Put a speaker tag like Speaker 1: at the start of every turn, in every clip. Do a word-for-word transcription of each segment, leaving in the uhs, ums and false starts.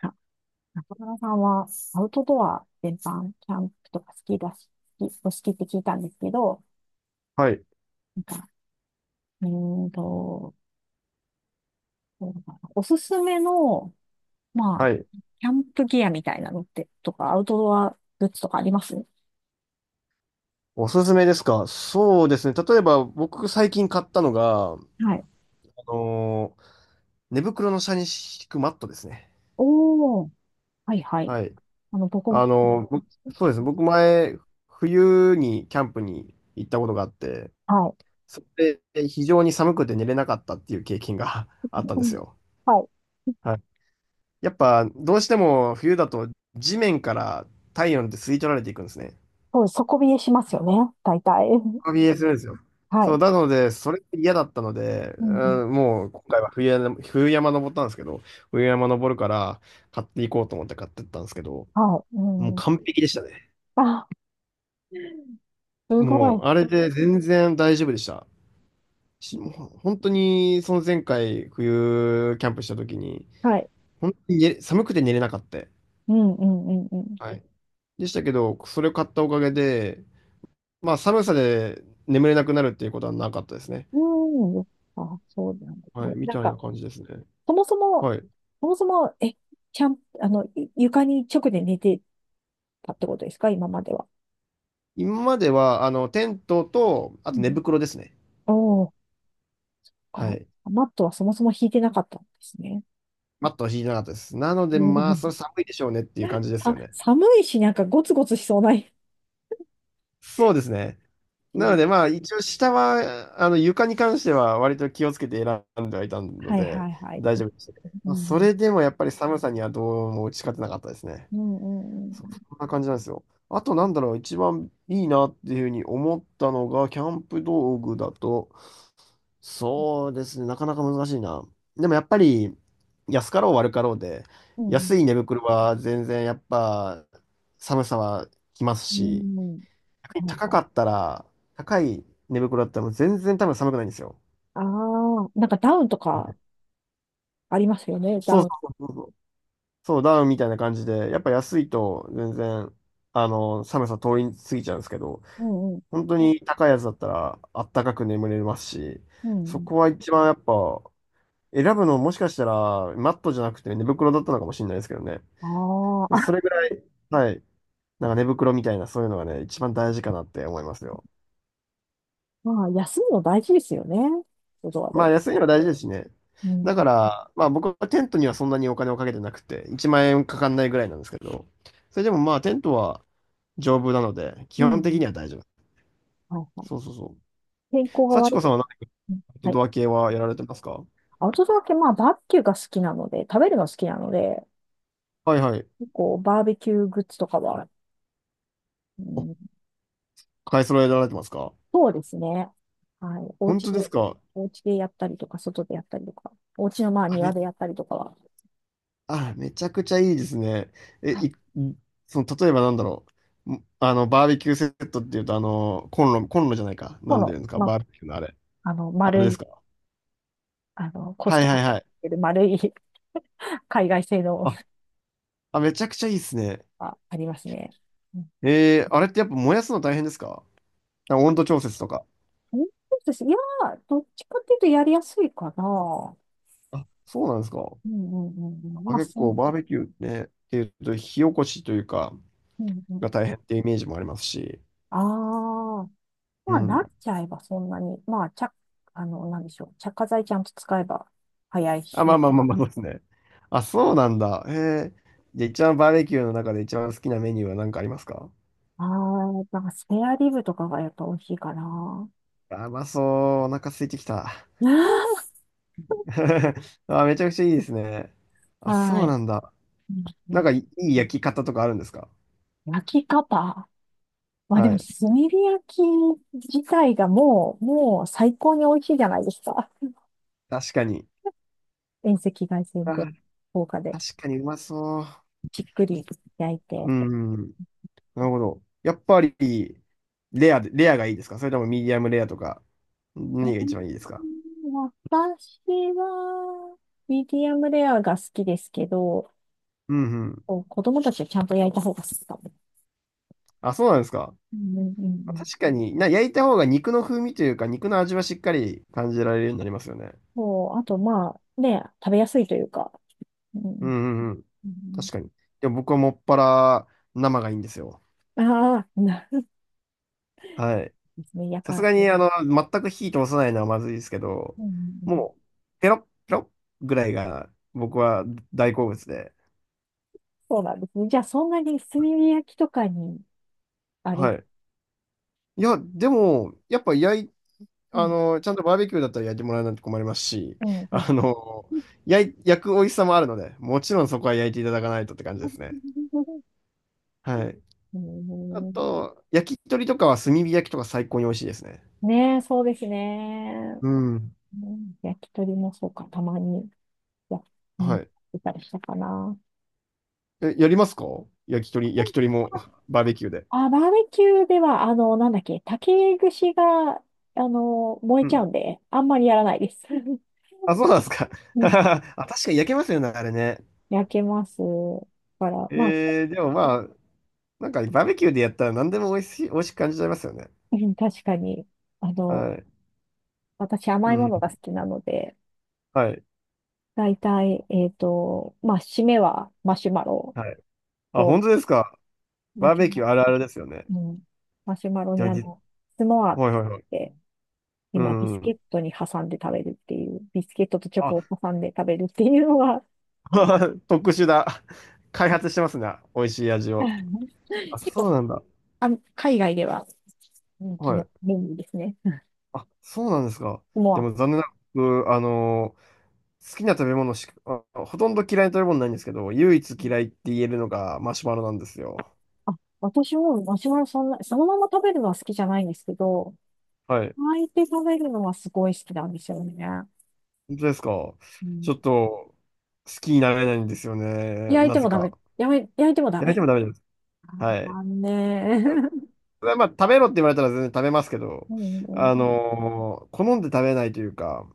Speaker 1: あ、中村さんはアウトドア全般、キャンプとか好きだし、好きお好きって聞いたんですけど、
Speaker 2: はい。
Speaker 1: なんか、うーんと、そうだな、おすすめの、まあ、
Speaker 2: はい。
Speaker 1: キャンプギアみたいなのって、とか、アウトドアグッズとかあります？
Speaker 2: おすすめですか？そうですね。例えば、僕最近買ったのが、あ
Speaker 1: はい。
Speaker 2: のー寝袋の下に敷くマットですね。
Speaker 1: おー、はいはい。
Speaker 2: はい。
Speaker 1: あの、僕
Speaker 2: あ
Speaker 1: も、
Speaker 2: のー僕そうですね。僕前、冬にキャンプに行ったことがあって、
Speaker 1: は
Speaker 2: それで非常に寒くて寝れなかったっていう経験が
Speaker 1: い。
Speaker 2: あったんで
Speaker 1: う
Speaker 2: す
Speaker 1: ん、
Speaker 2: よ。
Speaker 1: はい。
Speaker 2: はい。やっぱ、どうしても冬だと地面から体温って吸い取られていくんですね。
Speaker 1: そうです、底冷えしますよね、大体。
Speaker 2: ビーエス ですよ。
Speaker 1: は
Speaker 2: そう、
Speaker 1: い。
Speaker 2: なので、それが嫌だったので、
Speaker 1: うんうん、
Speaker 2: うん、もう今回は冬山、冬山登ったんですけど、冬山登るから買っていこうと思って買ってったんですけど、
Speaker 1: はい。
Speaker 2: もう
Speaker 1: うん。
Speaker 2: 完璧でしたね。
Speaker 1: あ、すご
Speaker 2: もう、
Speaker 1: い。
Speaker 2: あれで全然大丈夫でした。し、もう本当に、その前回冬キャンプした時に、
Speaker 1: はい。
Speaker 2: 本当に寝寒くて寝れなかった。
Speaker 1: うんうんうんうん。
Speaker 2: はい。でしたけど、それを買ったおかげで、まあ寒さで眠れなくなるっていうことはなかったですね。
Speaker 1: うん。あ、そうなんです
Speaker 2: はい、
Speaker 1: ね。
Speaker 2: み
Speaker 1: なん
Speaker 2: たいな
Speaker 1: か、
Speaker 2: 感じですね。
Speaker 1: そもそも、
Speaker 2: はい。
Speaker 1: そもそも、え、ちゃん、あの、い床に直で寝てたってことですか、今までは？
Speaker 2: 今までは、あの、テントと、あ
Speaker 1: う
Speaker 2: と寝
Speaker 1: ん。
Speaker 2: 袋ですね。
Speaker 1: おー、か。
Speaker 2: はい。
Speaker 1: マットはそもそも引いてなかったんですね。
Speaker 2: マットは敷いてなかったです。なので、
Speaker 1: う
Speaker 2: まあ、
Speaker 1: ん、
Speaker 2: それ寒いでしょうねっていう感じです
Speaker 1: さ、
Speaker 2: よね。
Speaker 1: 寒いし、なんかゴツゴツしそうない
Speaker 2: そうですね。なの
Speaker 1: し。
Speaker 2: で、まあ、一応下は、あの、床に関しては割と気をつけて選んではいたの
Speaker 1: はいは
Speaker 2: で、
Speaker 1: いはい。
Speaker 2: 大丈夫でしたけど、
Speaker 1: う
Speaker 2: まあ、そ
Speaker 1: ん。
Speaker 2: れでもやっぱり寒さにはどうも打ち勝てなかったですね。
Speaker 1: うんうんうん。
Speaker 2: そそんな感じなんですよ。あと、なんだろう、一番いいなっていうふうに思ったのが、キャンプ道具だと、そうですね。なかなか難しいな。でもやっぱり、安かろう悪かろうで、
Speaker 1: うん。
Speaker 2: 安い寝袋は全然やっぱ寒さはきます
Speaker 1: う
Speaker 2: し、
Speaker 1: ん。
Speaker 2: 逆に
Speaker 1: はい
Speaker 2: 高
Speaker 1: は
Speaker 2: かっ
Speaker 1: い。
Speaker 2: たら、高い寝袋だったらもう全然多分寒くないんですよ。
Speaker 1: ああ、なんかダウンと
Speaker 2: は
Speaker 1: か
Speaker 2: い、
Speaker 1: ありますよね、ダ
Speaker 2: そう
Speaker 1: ウン。
Speaker 2: そうそうそう。そうダウンみたいな感じで、やっぱ安いと全然、あの、寒さ通り過ぎちゃうんですけど、
Speaker 1: うんうん。
Speaker 2: 本当に高いやつだったらあったかく眠れますし、
Speaker 1: う
Speaker 2: そ
Speaker 1: ん。
Speaker 2: こは一番やっぱ選ぶのもしかしたら、マットじゃなくて寝袋だったのかもしれないですけどね。
Speaker 1: ああ、
Speaker 2: それぐらい、はい。なんか寝袋みたいな、そういうのがね、一番大事かなって思いますよ。
Speaker 1: まあ、休むの大事ですよね。外は
Speaker 2: ま
Speaker 1: で、
Speaker 2: あ、安いのは大事ですしね。
Speaker 1: う
Speaker 2: だか
Speaker 1: ん。
Speaker 2: ら、まあ僕はテントにはそんなにお金をかけてなくて、いちまん円かかんないぐらいなんですけど、それでもまあテントは丈夫なので、基
Speaker 1: う
Speaker 2: 本的
Speaker 1: ん。
Speaker 2: には大丈夫。
Speaker 1: はいはい。
Speaker 2: そうそうそう。
Speaker 1: 天候が
Speaker 2: 幸
Speaker 1: 悪
Speaker 2: 子さ
Speaker 1: く。
Speaker 2: んは何か
Speaker 1: うん、
Speaker 2: アウト
Speaker 1: はい。
Speaker 2: ドア系はやられてますか？
Speaker 1: アウトドア系、まあ、バーベキューが好きなので、食べるの好きなので、
Speaker 2: はいはい。
Speaker 1: 結構バーベキューグッズとかは、う
Speaker 2: お、
Speaker 1: ん、
Speaker 2: 買い揃えられてますか？
Speaker 1: そうですね。はい。お
Speaker 2: 本
Speaker 1: 家
Speaker 2: 当です
Speaker 1: で、
Speaker 2: か？
Speaker 1: お家でやったりとか、外でやったりとか、お家のまあ
Speaker 2: あ、め
Speaker 1: 庭
Speaker 2: っ
Speaker 1: でやったりとかは、
Speaker 2: あ、めちゃくちゃいいですね。え、
Speaker 1: はい。
Speaker 2: い、その、例えばなんだろう。んあの、バーベキューセットっていうと、あの、コンロ、コンロじゃないか。
Speaker 1: こ
Speaker 2: なんで
Speaker 1: の、
Speaker 2: 言うんですか、
Speaker 1: ま
Speaker 2: バーベキューのあれ。
Speaker 1: あ、あの、
Speaker 2: あれ
Speaker 1: 丸
Speaker 2: です
Speaker 1: い、
Speaker 2: か。
Speaker 1: あの、コス
Speaker 2: はい
Speaker 1: ト
Speaker 2: はい
Speaker 1: コ
Speaker 2: はい。
Speaker 1: で丸い 海外製の
Speaker 2: あ、あ、めちゃくちゃいいですね。
Speaker 1: がありますね。
Speaker 2: えー、あれってやっぱ燃やすの大変ですか？なんか温度調節とか。
Speaker 1: そうですね。いやー、どっちかっていうとやりやすいかな。
Speaker 2: あ、そうなんですか。
Speaker 1: うんうんうんうん。
Speaker 2: あ、
Speaker 1: まあ、
Speaker 2: 結
Speaker 1: そう。
Speaker 2: 構バーベキューね、っていうと、火起こしというか、
Speaker 1: うんうん。
Speaker 2: が大変ってイメージもありますし。
Speaker 1: ああ。
Speaker 2: う
Speaker 1: まあ、慣れ
Speaker 2: ん。
Speaker 1: ちゃえばそんなに。まあ、ちゃ、あの、なんでしょう。着火剤ちゃんと使えば早い
Speaker 2: あ、まあ
Speaker 1: し。
Speaker 2: まあまあまあ、そうですね。あ、そうなんだ。へえ。じゃあ一番バーベキューの中で一番好きなメニューは何かありますか？
Speaker 1: ああ、なんかスペアリブとかがやっぱ美味しいかな。
Speaker 2: あ、うまそう。お腹空いてきた。あ、めちゃくちゃいいですね。あ、そ
Speaker 1: は
Speaker 2: う
Speaker 1: い。
Speaker 2: なんだ。
Speaker 1: うんう
Speaker 2: なん
Speaker 1: ん、
Speaker 2: かいいい焼き方とかあるんですか？
Speaker 1: 焼き方。まあで
Speaker 2: は
Speaker 1: も、
Speaker 2: い。
Speaker 1: 炭火焼き自体がもう、もう最高に美味しいじゃないですか。
Speaker 2: 確かに。
Speaker 1: 遠赤外線で、
Speaker 2: あ、
Speaker 1: 効果で、
Speaker 2: 確かにうまそう。
Speaker 1: じっくり焼いて。
Speaker 2: うん。なるほど。やっぱり、レアで、レアがいいですか？それともミディアムレアとか、何が一番いいですか？
Speaker 1: 私は、ミディアムレアが好きですけど、
Speaker 2: うんうん。
Speaker 1: こう子供たちはちゃんと焼いた方が好きかも。
Speaker 2: あ、そうなんですか？
Speaker 1: うんうんうんうん、
Speaker 2: 確かに、な、焼いた方が肉の風味というか、肉の味はしっかり感じられるようになりますよね。
Speaker 1: う、あと、まあ、ね、食べやすいというか。うんう
Speaker 2: うん
Speaker 1: ん
Speaker 2: うんうん。
Speaker 1: うん
Speaker 2: 確かに。でも僕はもっぱら生がいいんですよ。
Speaker 1: うん、ああ、なるほ
Speaker 2: はい。
Speaker 1: どですね。や
Speaker 2: さす
Speaker 1: か。
Speaker 2: がに、あの、全く火通さないのはまずいですけど、
Speaker 1: うんうんうん、
Speaker 2: もう、ペロッペロッぐらいが僕は大好物で。
Speaker 1: そうなんですね。じゃあ、そんなに炭火焼きとかに、あれ、
Speaker 2: はい。いや、でも、やっぱ焼い、
Speaker 1: う
Speaker 2: あ
Speaker 1: ん、
Speaker 2: の、ちゃんとバーベキューだったら焼いてもらわないと困りますし、
Speaker 1: うん、は
Speaker 2: あ
Speaker 1: い、
Speaker 2: の、焼い、焼く美味しさもあるので、もちろんそこは焼いていただかないとって感じですね。はい。
Speaker 1: う
Speaker 2: あ
Speaker 1: ん、
Speaker 2: と、焼き鳥とかは炭火焼きとか最高に美味しいですね。
Speaker 1: ねえ、そうですね。
Speaker 2: うん。
Speaker 1: うん、焼き鳥もそうか、たまに。いや、う
Speaker 2: は
Speaker 1: ん、
Speaker 2: い。
Speaker 1: いたりしたかな。
Speaker 2: え、やりますか？焼き鳥、焼き鳥も バーベキューで。
Speaker 1: あ、バーベキューでは、あの、なんだっけ、竹串が、あの、燃え
Speaker 2: う
Speaker 1: ちゃ
Speaker 2: ん。
Speaker 1: うんで、あんまりやらないです。
Speaker 2: あ、そうなんですか。
Speaker 1: う ん、
Speaker 2: あ、確かに焼けますよね、あれね。
Speaker 1: 焼けます。から、まあ、
Speaker 2: えー、でもまあ、なんかバーベキューでやったら何でも美味しい、美味しく感じちゃいますよね。
Speaker 1: うん、確かに、あの、
Speaker 2: はい。
Speaker 1: 私
Speaker 2: う
Speaker 1: 甘いも
Speaker 2: ん。
Speaker 1: のが好きなので、
Speaker 2: はい。
Speaker 1: だいたい、えっと、まあ、締めはマシュマロ
Speaker 2: はい。あ、
Speaker 1: と、
Speaker 2: 本当ですか。
Speaker 1: マ
Speaker 2: バー
Speaker 1: シ
Speaker 2: ベ
Speaker 1: ュマ
Speaker 2: キュ
Speaker 1: ロ、
Speaker 2: ーあるあるですよね。
Speaker 1: うん、マシュマロ
Speaker 2: で
Speaker 1: に
Speaker 2: も
Speaker 1: あ
Speaker 2: じ、
Speaker 1: の、スモアっ
Speaker 2: はいはいはい。
Speaker 1: て
Speaker 2: う
Speaker 1: 今、ビスケ
Speaker 2: ん。
Speaker 1: ットに挟んで食べるっていう、ビスケットとチョコ
Speaker 2: あ、
Speaker 1: を挟んで食べるっていうのは、
Speaker 2: 特殊だ。開発 してますね。美味しい味を。あ、
Speaker 1: 結
Speaker 2: そ
Speaker 1: 構、
Speaker 2: うなんだ。
Speaker 1: あの、海外では人気
Speaker 2: は
Speaker 1: の
Speaker 2: い。
Speaker 1: メニューですね。うん、
Speaker 2: あ、そうなんですか。で
Speaker 1: も
Speaker 2: も
Speaker 1: う、
Speaker 2: 残念なく、僕あの、好きな食べ物しか、あ、ほとんど嫌いな食べ物ないんですけど、唯一嫌いって言えるのがマシュマロなんですよ。
Speaker 1: あ、私もマシュマロ、そんな、そのまま食べるのは好きじゃないんですけど、
Speaker 2: はい。
Speaker 1: 焼いて食べるのはすごい好きなんですよね。
Speaker 2: 本当ですか。
Speaker 1: う
Speaker 2: ち
Speaker 1: ん。
Speaker 2: ょっと、好きになれないんですよね。
Speaker 1: 焼い
Speaker 2: な
Speaker 1: て
Speaker 2: ぜ
Speaker 1: もダメ？
Speaker 2: か。
Speaker 1: やめ、焼いてもダ
Speaker 2: 焼いて
Speaker 1: メ。
Speaker 2: もダメです。はい。
Speaker 1: 残念。
Speaker 2: まあ、食べろって言われたら全然食べますけど、
Speaker 1: うん、
Speaker 2: あの、好んで食べないというか、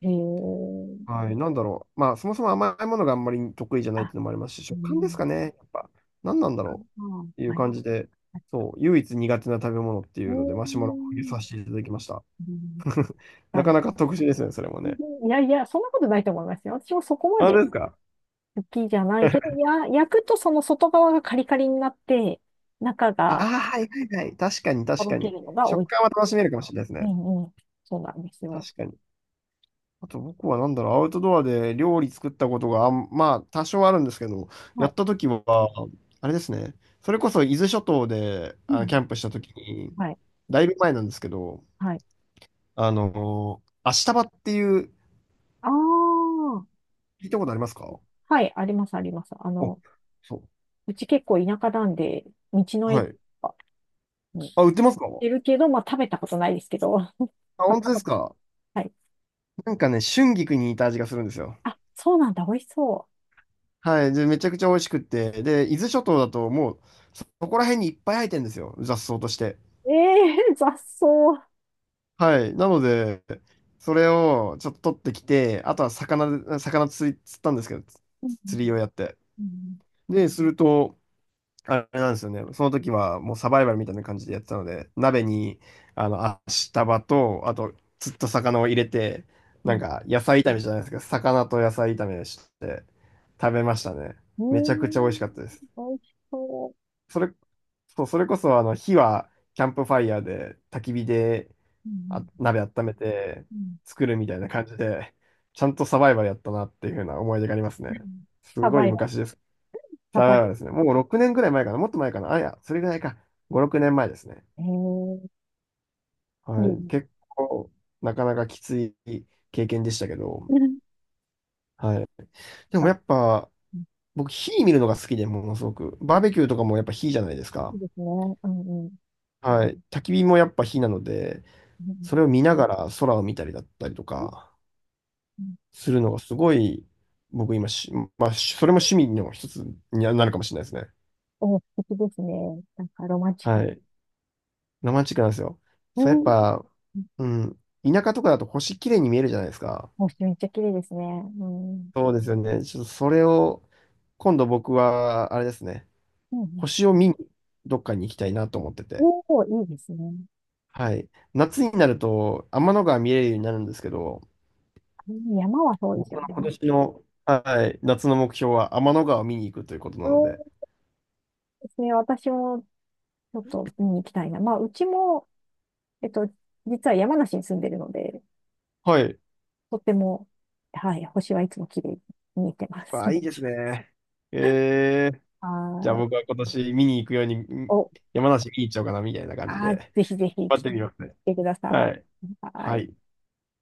Speaker 1: えー。
Speaker 2: はい、なんだろう。まあ、そもそも甘いものがあんまり得意じゃないっ
Speaker 1: あ、
Speaker 2: ていうのもありますし、
Speaker 1: う
Speaker 2: 食感です
Speaker 1: ん。
Speaker 2: かね。やっぱ、何なんだろう
Speaker 1: あ、
Speaker 2: っていう
Speaker 1: はい。
Speaker 2: 感じで、そう、唯一苦手な食べ物って
Speaker 1: う
Speaker 2: い
Speaker 1: ー
Speaker 2: うので、マシュマロを入れさ
Speaker 1: ん。
Speaker 2: せていただきました。
Speaker 1: うん、
Speaker 2: な
Speaker 1: ダ
Speaker 2: か
Speaker 1: メ、
Speaker 2: なか特殊ですね、それもね。
Speaker 1: いやいや、そんなことないと思いますよ。私もそこま
Speaker 2: あ、本当
Speaker 1: で
Speaker 2: ですか？
Speaker 1: 好きじゃないけど、いや、焼くとその外側がカリカリになって、中
Speaker 2: あ
Speaker 1: が
Speaker 2: あー、はいはいはい。確かに
Speaker 1: と
Speaker 2: 確
Speaker 1: ろ
Speaker 2: か
Speaker 1: け
Speaker 2: に。
Speaker 1: るのが
Speaker 2: 食
Speaker 1: 美味し
Speaker 2: 感は
Speaker 1: い。
Speaker 2: 楽しめるかもしれないです
Speaker 1: う
Speaker 2: ね。
Speaker 1: んうん。そうなんですよ。
Speaker 2: 確かに。あと僕はなんだろう、アウトドアで料理作ったことがあん、まあ多少あるんですけど、
Speaker 1: は
Speaker 2: や
Speaker 1: い。
Speaker 2: った時は、あれですね、それこそ伊豆諸島で
Speaker 1: う
Speaker 2: あキ
Speaker 1: ん。
Speaker 2: ャンプした時に、
Speaker 1: はい。
Speaker 2: だいぶ前なんですけど、
Speaker 1: はい。
Speaker 2: あのー、タバっていう、
Speaker 1: ああ。
Speaker 2: 聞いたことありますか？
Speaker 1: はい、あります、あります。あ
Speaker 2: お、
Speaker 1: の、
Speaker 2: そう。
Speaker 1: うち結構田舎なんで、道の
Speaker 2: は
Speaker 1: 駅
Speaker 2: い。
Speaker 1: とかに行っ
Speaker 2: あ、売ってますか？あ、
Speaker 1: てるけど、まあ食べたことないですけど、買っ
Speaker 2: 本当
Speaker 1: た
Speaker 2: で
Speaker 1: こ
Speaker 2: す
Speaker 1: と。
Speaker 2: か？
Speaker 1: はい。
Speaker 2: なんかね、春菊に似た味がするんですよ。
Speaker 1: あ、そうなんだ、美味しそ
Speaker 2: はい。で、めちゃくちゃ美味しくって、で、伊豆諸島だともう、そそこら辺にいっぱい生えてるんですよ、雑草として。
Speaker 1: う。え、えー、雑草。う
Speaker 2: はい。なので、それをちょっと取ってきて、あとは魚で、魚釣り、釣ったんですけど、
Speaker 1: ん
Speaker 2: 釣りをやって。
Speaker 1: うん
Speaker 2: で、すると、あれなんですよね。その時はもうサバイバルみたいな感じでやってたので、鍋に、あの、足束と、あと、釣った魚を入れて、
Speaker 1: う
Speaker 2: なん
Speaker 1: ん、
Speaker 2: か、野菜炒めじゃないですか。魚と野菜炒めして、食べましたね。
Speaker 1: うー
Speaker 2: めちゃくちゃ美味し
Speaker 1: ん、
Speaker 2: かったです。
Speaker 1: 美味しそ
Speaker 2: それ、そう、それこそ、あの、火は、キャンプファイヤーで、焚き火で、
Speaker 1: う。う
Speaker 2: あ、
Speaker 1: ん、
Speaker 2: 鍋温めて
Speaker 1: うん、
Speaker 2: 作るみたいな感じで、ちゃんとサバイバルやったなっていうふうな思い出があります
Speaker 1: う
Speaker 2: ね。
Speaker 1: ん、
Speaker 2: す
Speaker 1: サ
Speaker 2: ご
Speaker 1: バ
Speaker 2: い
Speaker 1: イバル、
Speaker 2: 昔です。
Speaker 1: サ
Speaker 2: サ
Speaker 1: バイバ
Speaker 2: バイ
Speaker 1: ル。
Speaker 2: バルですね。もうろくねんぐらい前かな。もっと前かな。あ、いや、それぐらいか。ご、ろくねんまえですね。
Speaker 1: ええ、いい
Speaker 2: はい。
Speaker 1: ね。
Speaker 2: 結構、なかなかきつい経験でしたけど、
Speaker 1: うん、
Speaker 2: はい。でもやっ
Speaker 1: あ、
Speaker 2: ぱ、僕、火見るのが好きで、ものすごく。バーベキューとかもやっぱ火じゃないです
Speaker 1: いい
Speaker 2: か。
Speaker 1: ですね。うん、うん。
Speaker 2: はい。焚き火もやっぱ火なので、
Speaker 1: う
Speaker 2: それ
Speaker 1: ん
Speaker 2: を見ながら空を見たりだったりとか、
Speaker 1: うん、
Speaker 2: するのがすごい、僕今し、まあ、しそれも趣味の一つになるかもしれないですね。
Speaker 1: お、素敵ですね。なんかロマンチック。
Speaker 2: はい。ロマンチックなんですよ。
Speaker 1: う
Speaker 2: そう、やっ
Speaker 1: ん。
Speaker 2: ぱ、うん、田舎とかだと星綺麗に見えるじゃないですか。
Speaker 1: もうめっちゃ綺麗ですね。うん。
Speaker 2: そうですよね。ちょっとそれを、今度僕は、あれですね、
Speaker 1: うん、
Speaker 2: 星を見に、どっかに行きたいなと思ってて。
Speaker 1: おお、いいですね。
Speaker 2: はい。夏になると、天の川見れるようになるんですけど、
Speaker 1: 山はそうです
Speaker 2: 僕
Speaker 1: よ
Speaker 2: の
Speaker 1: ね。
Speaker 2: 今年の、はい、夏の目標は天の川を見に行くということ
Speaker 1: そ
Speaker 2: なので。
Speaker 1: うですね。私もちょっと見に行きたいな。まあ、うちも、えっと、実は山梨に住んでるので、
Speaker 2: はい。
Speaker 1: とても、はい、星はいつも綺麗に見えてます。
Speaker 2: あ、いいで すね。えじゃ
Speaker 1: は
Speaker 2: あ
Speaker 1: い。
Speaker 2: 僕は今年見に行くように、ん
Speaker 1: お、
Speaker 2: 山梨見に行っちゃおうかな、みたいな感じ
Speaker 1: あー、
Speaker 2: で。
Speaker 1: ぜひぜひ
Speaker 2: 待っ
Speaker 1: 来
Speaker 2: てみますね。
Speaker 1: てくだ
Speaker 2: は
Speaker 1: さ
Speaker 2: い。
Speaker 1: い。は
Speaker 2: は
Speaker 1: い。
Speaker 2: い。